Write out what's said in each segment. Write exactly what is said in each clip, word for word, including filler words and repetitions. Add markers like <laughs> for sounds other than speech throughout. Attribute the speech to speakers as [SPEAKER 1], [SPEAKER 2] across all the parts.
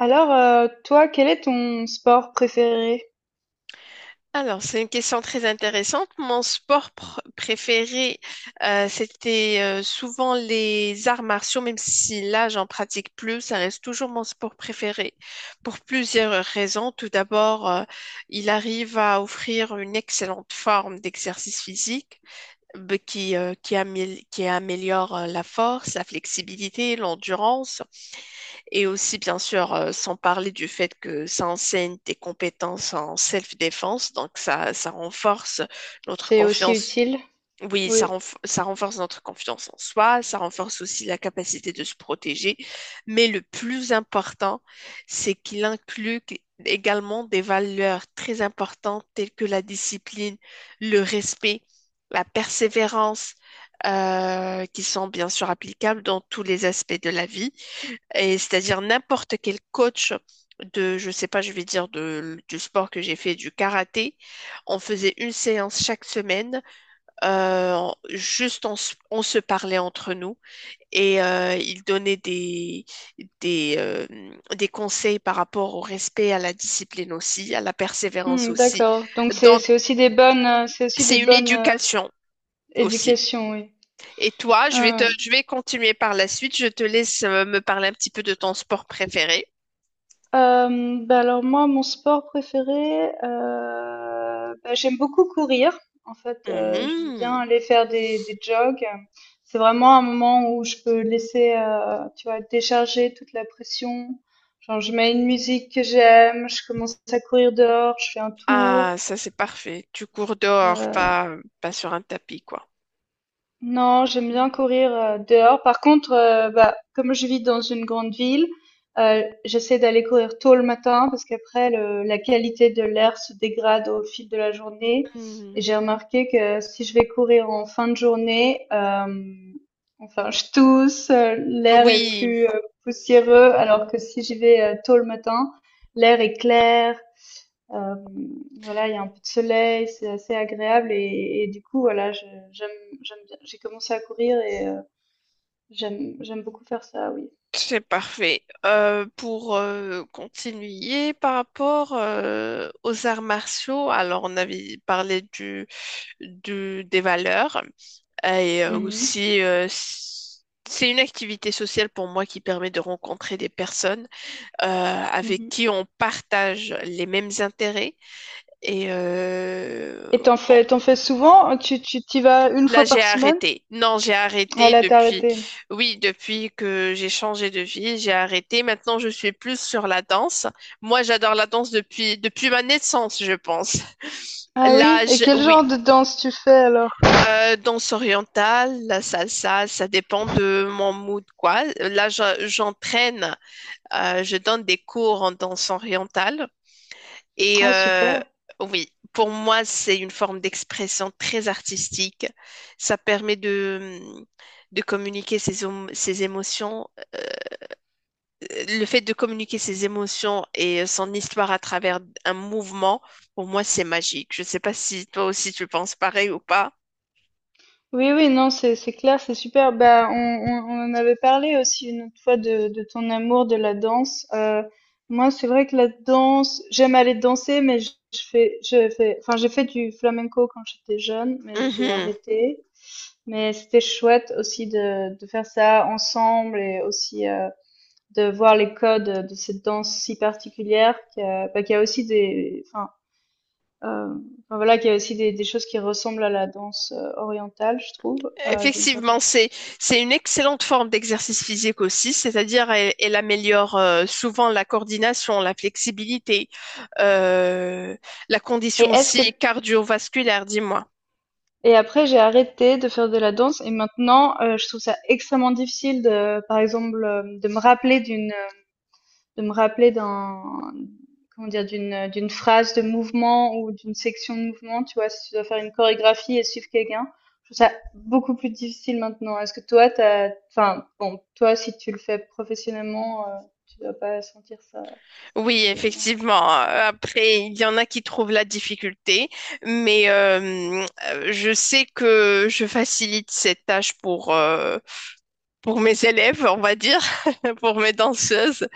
[SPEAKER 1] Alors, euh, toi, quel est ton sport préféré?
[SPEAKER 2] Alors, c'est une question très intéressante. Mon sport pr- préféré, euh, c'était euh, souvent les arts martiaux, même si là, j'en pratique plus, ça reste toujours mon sport préféré pour plusieurs raisons. Tout d'abord, euh, il arrive à offrir une excellente forme d'exercice physique euh, qui, euh, qui amél- qui améliore euh, la force, la flexibilité, l'endurance. Et aussi, bien sûr, euh, sans parler du fait que ça enseigne des compétences en self-défense, donc ça, ça renforce notre
[SPEAKER 1] C'est aussi
[SPEAKER 2] confiance.
[SPEAKER 1] utile.
[SPEAKER 2] Oui, ça,
[SPEAKER 1] Oui.
[SPEAKER 2] renf- ça renforce notre confiance en soi, ça renforce aussi la capacité de se protéger. Mais le plus important, c'est qu'il inclut qu- également des valeurs très importantes telles que la discipline, le respect, la persévérance, euh, qui sont bien sûr applicables dans tous les aspects de la vie et c'est-à-dire n'importe quel coach de, je sais pas, je vais dire de, du sport que j'ai fait, du karaté, on faisait une séance chaque semaine, euh, juste on, se- on se parlait entre nous et euh, il donnait des, des, euh, des conseils par rapport au respect, à la discipline aussi, à la persévérance
[SPEAKER 1] Hmm,
[SPEAKER 2] aussi.
[SPEAKER 1] d'accord. Donc c'est
[SPEAKER 2] Donc,
[SPEAKER 1] c'est aussi des bonnes euh, c'est aussi
[SPEAKER 2] c'est
[SPEAKER 1] des
[SPEAKER 2] une
[SPEAKER 1] bonnes euh,
[SPEAKER 2] éducation aussi.
[SPEAKER 1] éducations, oui.
[SPEAKER 2] Et toi, je vais te,
[SPEAKER 1] Hein.
[SPEAKER 2] je vais continuer par la suite. Je te laisse euh, me parler un petit peu de ton sport préféré.
[SPEAKER 1] Euh, bah alors moi, mon sport préféré, euh, bah, j'aime beaucoup courir. En fait, euh, j'aime bien
[SPEAKER 2] Mhm.
[SPEAKER 1] aller faire des, des jogs. C'est vraiment un moment où je peux laisser, euh, tu vois, décharger toute la pression. Genre, je mets une musique que j'aime, je commence à courir dehors, je fais un tour.
[SPEAKER 2] Ah, ça c'est parfait. Tu cours dehors,
[SPEAKER 1] Euh,
[SPEAKER 2] pas, pas sur un tapis, quoi.
[SPEAKER 1] non, j'aime bien courir euh, dehors. Par contre, euh, bah, comme je vis dans une grande ville, euh, j'essaie d'aller courir tôt le matin parce qu'après, le- la qualité de l'air se dégrade au fil de la journée. Et
[SPEAKER 2] Hmm.
[SPEAKER 1] j'ai remarqué que si je vais courir en fin de journée, euh, enfin, je tousse, euh, l'air est
[SPEAKER 2] Oui,
[SPEAKER 1] plus euh, poussiéreux, alors que si j'y vais euh, tôt le matin, l'air est clair, euh, voilà, il y a un peu de soleil, c'est assez agréable et, et du coup, voilà, je- j'aime, j'aime bien. J'ai commencé à courir et euh, j'aime, j'aime beaucoup faire ça, oui.
[SPEAKER 2] c'est parfait. Euh, pour euh, continuer par rapport euh, aux arts martiaux, alors on avait parlé du, du- des valeurs et euh,
[SPEAKER 1] Mhm,
[SPEAKER 2] aussi euh, c- c'est une activité sociale pour moi qui permet de rencontrer des personnes euh, avec
[SPEAKER 1] mhm.
[SPEAKER 2] qui on partage les mêmes intérêts et euh,
[SPEAKER 1] Et t'en fais, t'en fais souvent? Hein, Tu, tu t'y vas une
[SPEAKER 2] Là,
[SPEAKER 1] fois
[SPEAKER 2] j'ai
[SPEAKER 1] par semaine?
[SPEAKER 2] arrêté. Non, j'ai
[SPEAKER 1] Ah
[SPEAKER 2] arrêté
[SPEAKER 1] là, t'as
[SPEAKER 2] depuis,
[SPEAKER 1] arrêté.
[SPEAKER 2] oui, depuis que j'ai changé de vie, j'ai arrêté. Maintenant, je suis plus sur la danse. Moi, j'adore la danse depuis, depuis ma naissance, je pense. <laughs>
[SPEAKER 1] Ah oui,
[SPEAKER 2] Là,
[SPEAKER 1] et
[SPEAKER 2] je-
[SPEAKER 1] quel genre
[SPEAKER 2] oui,
[SPEAKER 1] de danse tu fais alors?
[SPEAKER 2] Euh, danse orientale, la salsa, ça dépend de mon mood, quoi. Là, je- j'entraîne, euh, je donne des cours en danse orientale. Et
[SPEAKER 1] Ah
[SPEAKER 2] euh,
[SPEAKER 1] super.
[SPEAKER 2] oui, pour moi, c'est une forme d'expression très artistique. Ça permet de, de communiquer ses, om- ses émotions. Euh, le fait de communiquer ses émotions et euh, son histoire à travers un mouvement, pour moi, c'est magique. Je ne sais pas si toi aussi tu penses pareil ou pas.
[SPEAKER 1] Oui, oui, non, c'est c'est clair, c'est super. Bah, on, on, on en avait parlé aussi une autre fois de, de ton amour de la danse. Euh, moi, c'est vrai que la danse, j'aime aller danser, mais je je fais, je fais, enfin, j'ai fait du flamenco quand j'étais jeune, mais j'ai
[SPEAKER 2] Mhm.
[SPEAKER 1] arrêté. Mais c'était chouette aussi de, de faire ça ensemble et aussi euh, de voir les codes de cette danse si particulière qui a, bah, qui a aussi des, enfin, euh, enfin, voilà, qu'il y a aussi des, des choses qui ressemblent à la danse euh, orientale, je trouve, euh, d'une certaine
[SPEAKER 2] Effectivement, c'est
[SPEAKER 1] façon.
[SPEAKER 2] c'est une excellente forme d'exercice physique aussi, c'est-à-dire elle, elle améliore euh, souvent la coordination, la flexibilité, euh, la
[SPEAKER 1] Et
[SPEAKER 2] condition
[SPEAKER 1] est-ce
[SPEAKER 2] aussi
[SPEAKER 1] que
[SPEAKER 2] cardiovasculaire, dis-moi.
[SPEAKER 1] et après j'ai arrêté de faire de la danse et maintenant euh, je trouve ça extrêmement difficile de, par exemple, euh, de me rappeler d'une euh, de me rappeler d'un, comment dire, d'une, d'une phrase de mouvement ou d'une section de mouvement. Tu vois, si tu dois faire une chorégraphie et suivre quelqu'un, je trouve ça beaucoup plus difficile maintenant. Est-ce que toi, t'as, enfin, bon, toi, si tu le fais professionnellement, euh, tu dois pas sentir ça, ces
[SPEAKER 2] Oui,
[SPEAKER 1] problèmes-là.
[SPEAKER 2] effectivement. euh, Après, il y en a qui trouvent la difficulté, mais euh, euh, je sais que je facilite cette tâche pour euh, pour mes élèves, on va dire, <laughs> pour mes danseuses.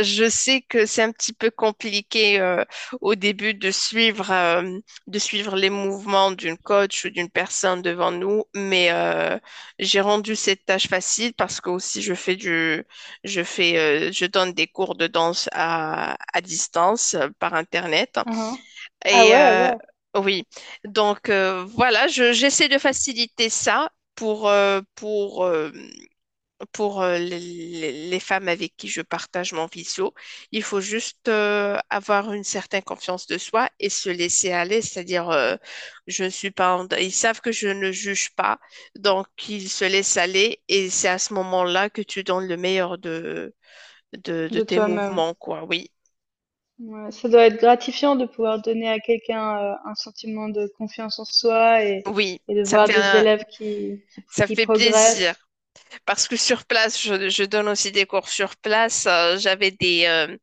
[SPEAKER 2] Je sais que c'est un petit peu compliqué euh, au début de suivre, euh, de suivre les mouvements d'une coach ou d'une personne devant nous, mais euh, j'ai rendu cette tâche facile parce que aussi je fais du, je fais, euh, je donne des cours de danse à, à distance euh, par Internet.
[SPEAKER 1] Ah, ah. Ah
[SPEAKER 2] Et
[SPEAKER 1] ouais,
[SPEAKER 2] euh,
[SPEAKER 1] ouais,
[SPEAKER 2] oui, donc euh, voilà, je, j'essaie de faciliter ça pour, euh, pour euh, pour euh, les, les- les femmes avec qui je partage mon visio. Il faut juste euh, avoir une certaine confiance de soi et se laisser aller, c'est-à-dire euh, je ne suis pas en- ils savent que je ne juge pas, donc ils se laissent aller et c'est à ce moment-là que tu donnes le meilleur de de, de
[SPEAKER 1] de
[SPEAKER 2] tes
[SPEAKER 1] toi-même.
[SPEAKER 2] mouvements, quoi. Oui,
[SPEAKER 1] Ouais, ça doit être gratifiant de pouvoir donner à quelqu'un euh, un sentiment de confiance en soi et,
[SPEAKER 2] oui,
[SPEAKER 1] et de
[SPEAKER 2] ça
[SPEAKER 1] voir
[SPEAKER 2] fait
[SPEAKER 1] des
[SPEAKER 2] un-
[SPEAKER 1] élèves qui, qui,
[SPEAKER 2] ça
[SPEAKER 1] qui
[SPEAKER 2] fait plaisir
[SPEAKER 1] progressent.
[SPEAKER 2] parce que sur place, je, je donne aussi des cours sur place. Euh, j'avais des euh,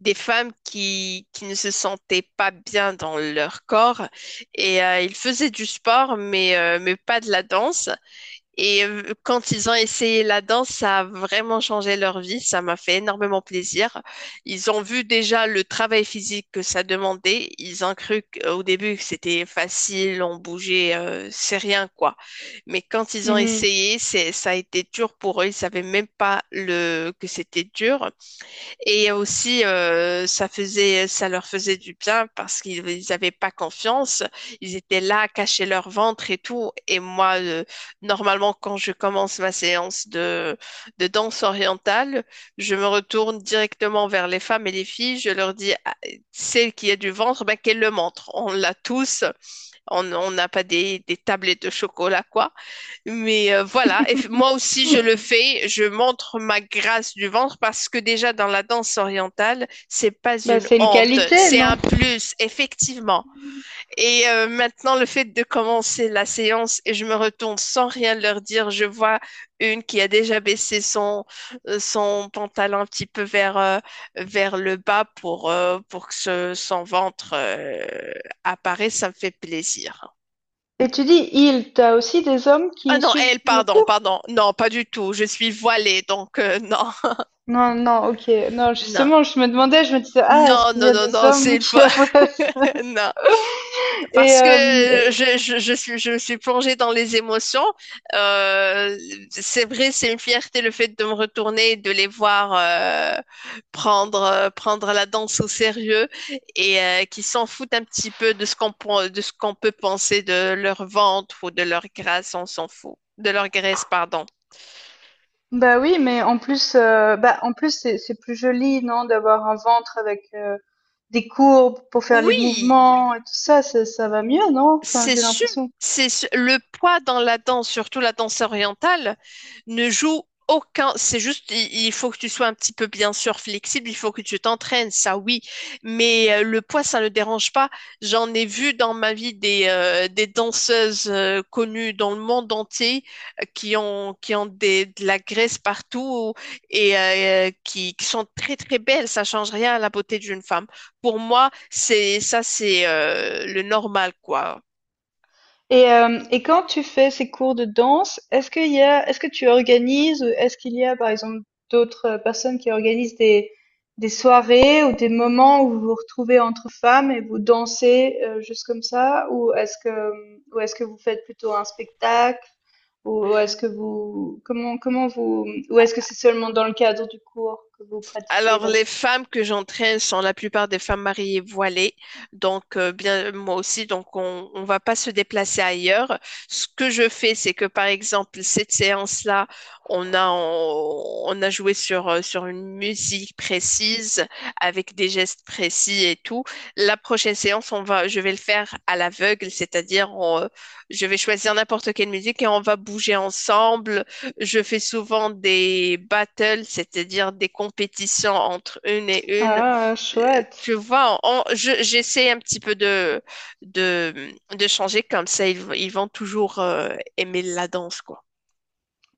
[SPEAKER 2] des femmes qui, qui ne se sentaient pas bien dans leur corps et euh, ils faisaient du sport mais, euh, mais pas de la danse. Et euh, quand ils ont essayé la danse, ça a vraiment changé leur vie. Ça m'a fait énormément plaisir. Ils ont vu déjà le travail physique que ça demandait. Ils ont cru qu'au début que c'était facile, on bougeait, euh, c'est rien quoi. Mais quand ils ont essayé, c'est, ça a été dur pour eux. Ils savaient même pas le, que c'était dur. Et aussi, euh, ça faisait, ça leur faisait du bien parce qu'ils ils avaient pas confiance. Ils étaient là, cachaient leur ventre et tout. Et moi, euh, normalement, quand je commence ma séance de, de danse orientale, je me retourne directement vers les femmes et les filles. Je leur dis, Ah, celle qui a du ventre, ben, qu'elle le montre. On l'a tous. On on n'a pas des, des tablettes de chocolat, quoi. Mais euh, voilà, et f- moi aussi je le fais, je montre ma grâce du ventre parce que déjà dans la danse orientale, c'est pas
[SPEAKER 1] Bah,
[SPEAKER 2] une
[SPEAKER 1] c'est une
[SPEAKER 2] honte,
[SPEAKER 1] qualité,
[SPEAKER 2] c'est
[SPEAKER 1] non?
[SPEAKER 2] un plus, effectivement. Et euh, maintenant le fait de commencer la séance et je me retourne sans rien leur dire, je vois une qui a déjà baissé son euh, son pantalon un petit peu vers euh, vers le bas pour euh, pour que ce- son ventre euh, apparaisse, ça me fait plaisir.
[SPEAKER 1] Et tu dis il, t'as aussi des hommes
[SPEAKER 2] Ah
[SPEAKER 1] qui
[SPEAKER 2] non,
[SPEAKER 1] suivent
[SPEAKER 2] elle,
[SPEAKER 1] le
[SPEAKER 2] pardon,
[SPEAKER 1] cours?
[SPEAKER 2] pardon. Non, pas du tout. Je suis voilée, donc euh, non,
[SPEAKER 1] Non, non, ok. Non,
[SPEAKER 2] non.
[SPEAKER 1] justement, je me demandais, je me disais, ah, est-ce
[SPEAKER 2] Non,
[SPEAKER 1] qu'il y
[SPEAKER 2] non,
[SPEAKER 1] a
[SPEAKER 2] non,
[SPEAKER 1] des
[SPEAKER 2] non, c'est
[SPEAKER 1] hommes <laughs>
[SPEAKER 2] une
[SPEAKER 1] qui
[SPEAKER 2] fois.
[SPEAKER 1] avoueraient ça?
[SPEAKER 2] <laughs> Non.
[SPEAKER 1] Et,
[SPEAKER 2] Parce que
[SPEAKER 1] euh, et-
[SPEAKER 2] je, je, je suis, je me suis plongée dans les émotions. Euh, c'est vrai, c'est une fierté le fait de me retourner et de les voir euh, prendre, euh, prendre la danse au sérieux et euh, qui s'en foutent un petit peu de ce qu'on, pen- de ce qu'on peut penser de leur ventre ou de leur grâce, on s'en fout. De leur graisse, pardon.
[SPEAKER 1] bah oui, mais en plus, euh, bah, en plus, c'est, c'est plus joli, non, d'avoir un ventre avec euh, des courbes pour faire les
[SPEAKER 2] Oui!
[SPEAKER 1] mouvements et tout ça, ça, ça va mieux, non? Enfin,
[SPEAKER 2] C'est
[SPEAKER 1] j'ai
[SPEAKER 2] su-
[SPEAKER 1] l'impression.
[SPEAKER 2] c'est su- le poids dans la danse, surtout la danse orientale, ne joue aucun. C'est juste, il, il faut que tu sois un petit peu bien sûr flexible, il faut que tu t'entraînes, ça oui. Mais euh, le poids, ça ne dérange pas. J'en ai vu dans ma vie des euh, des danseuses euh, connues dans le monde entier euh, qui ont qui ont des, de la graisse partout et euh, qui, qui sont très très belles. Ça change rien à la beauté d'une femme. Pour moi, c'est ça, c'est euh, le normal quoi.
[SPEAKER 1] Et, euh, et quand tu fais ces cours de danse, est-ce qu'il y a, est-ce que tu organises, ou est-ce qu'il y a par exemple d'autres euh, personnes qui organisent des, des soirées ou des moments où vous vous retrouvez entre femmes et vous dansez euh, juste comme ça, ou est-ce que, ou est-ce que vous faites plutôt un spectacle, ou est-ce que vous, comment, comment vous, ou est-ce que c'est seulement dans le cadre du cours que vous pratiquez
[SPEAKER 2] Alors,
[SPEAKER 1] la
[SPEAKER 2] les
[SPEAKER 1] danse?
[SPEAKER 2] femmes que j'entraîne sont la plupart des femmes mariées voilées. Donc, euh, bien, moi aussi, donc on ne va pas se déplacer ailleurs. Ce que je fais, c'est que, par exemple, cette séance-là, on a, on, on a joué sur, euh, sur une musique précise, avec des gestes précis et tout. La prochaine séance, on va, je vais le faire à l'aveugle, c'est-à-dire, on, euh, je vais choisir n'importe quelle musique et on va bouger ensemble je fais souvent des battles, c'est-à-dire des compétitions entre une et une.
[SPEAKER 1] Ah,
[SPEAKER 2] Euh, Tu
[SPEAKER 1] chouette.
[SPEAKER 2] vois, on- je- j'essaie un petit peu de, de, de changer comme ça, ils, v- ils vont toujours euh, aimer la danse, quoi.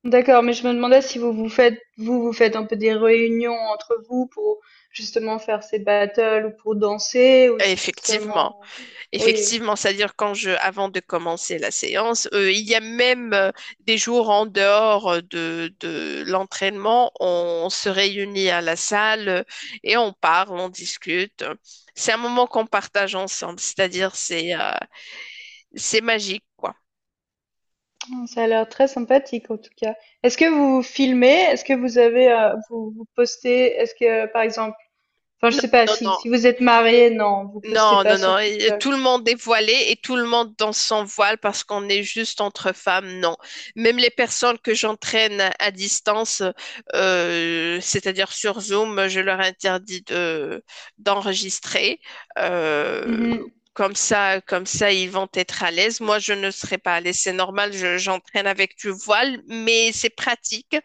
[SPEAKER 1] D'accord, mais je me demandais si vous vous faites, vous, vous faites un peu des réunions entre vous pour justement faire ces battles ou pour danser ou si c'est
[SPEAKER 2] Effectivement.
[SPEAKER 1] seulement... Oui,
[SPEAKER 2] Effectivement, c'est-à-dire quand je, avant de commencer la séance, euh, il y a même euh, des jours en dehors euh, de, de l'entraînement, on se réunit à la salle euh, et on parle, on discute. C'est un moment qu'on partage ensemble, c'est-à-dire c'est euh, c'est magique, quoi.
[SPEAKER 1] ça a l'air très sympathique en tout cas. Est-ce que vous filmez? Est-ce que vous avez, euh, vous, vous postez? Est-ce que, par exemple, enfin, je
[SPEAKER 2] Non,
[SPEAKER 1] sais pas,
[SPEAKER 2] non,
[SPEAKER 1] si,
[SPEAKER 2] non,
[SPEAKER 1] si vous êtes marié, non, vous postez
[SPEAKER 2] Non,
[SPEAKER 1] pas
[SPEAKER 2] non,
[SPEAKER 1] sur
[SPEAKER 2] non. Et
[SPEAKER 1] TikTok.
[SPEAKER 2] tout le monde est voilé et tout le monde dans son voile parce qu'on est juste entre femmes. Non. Même les personnes que j'entraîne à à distance, euh, c'est-à-dire sur Zoom, je leur interdis de d'enregistrer. Euh,
[SPEAKER 1] Mhm.
[SPEAKER 2] Comme ça, comme ça, ils vont être à l'aise. Moi, je ne serai pas à l'aise. C'est normal. Je- j'entraîne avec du voile, mais c'est pratique.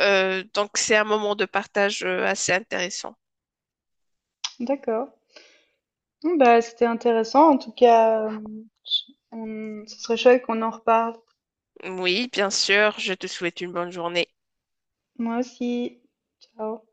[SPEAKER 2] Euh, donc, c'est un moment de partage euh, assez intéressant.
[SPEAKER 1] D'accord. Bon, bah, c'était intéressant. En tout cas, euh, je- on- ce serait chouette qu'on en reparle.
[SPEAKER 2] Oui, bien sûr. Je te souhaite une bonne journée.
[SPEAKER 1] Moi aussi. Ciao.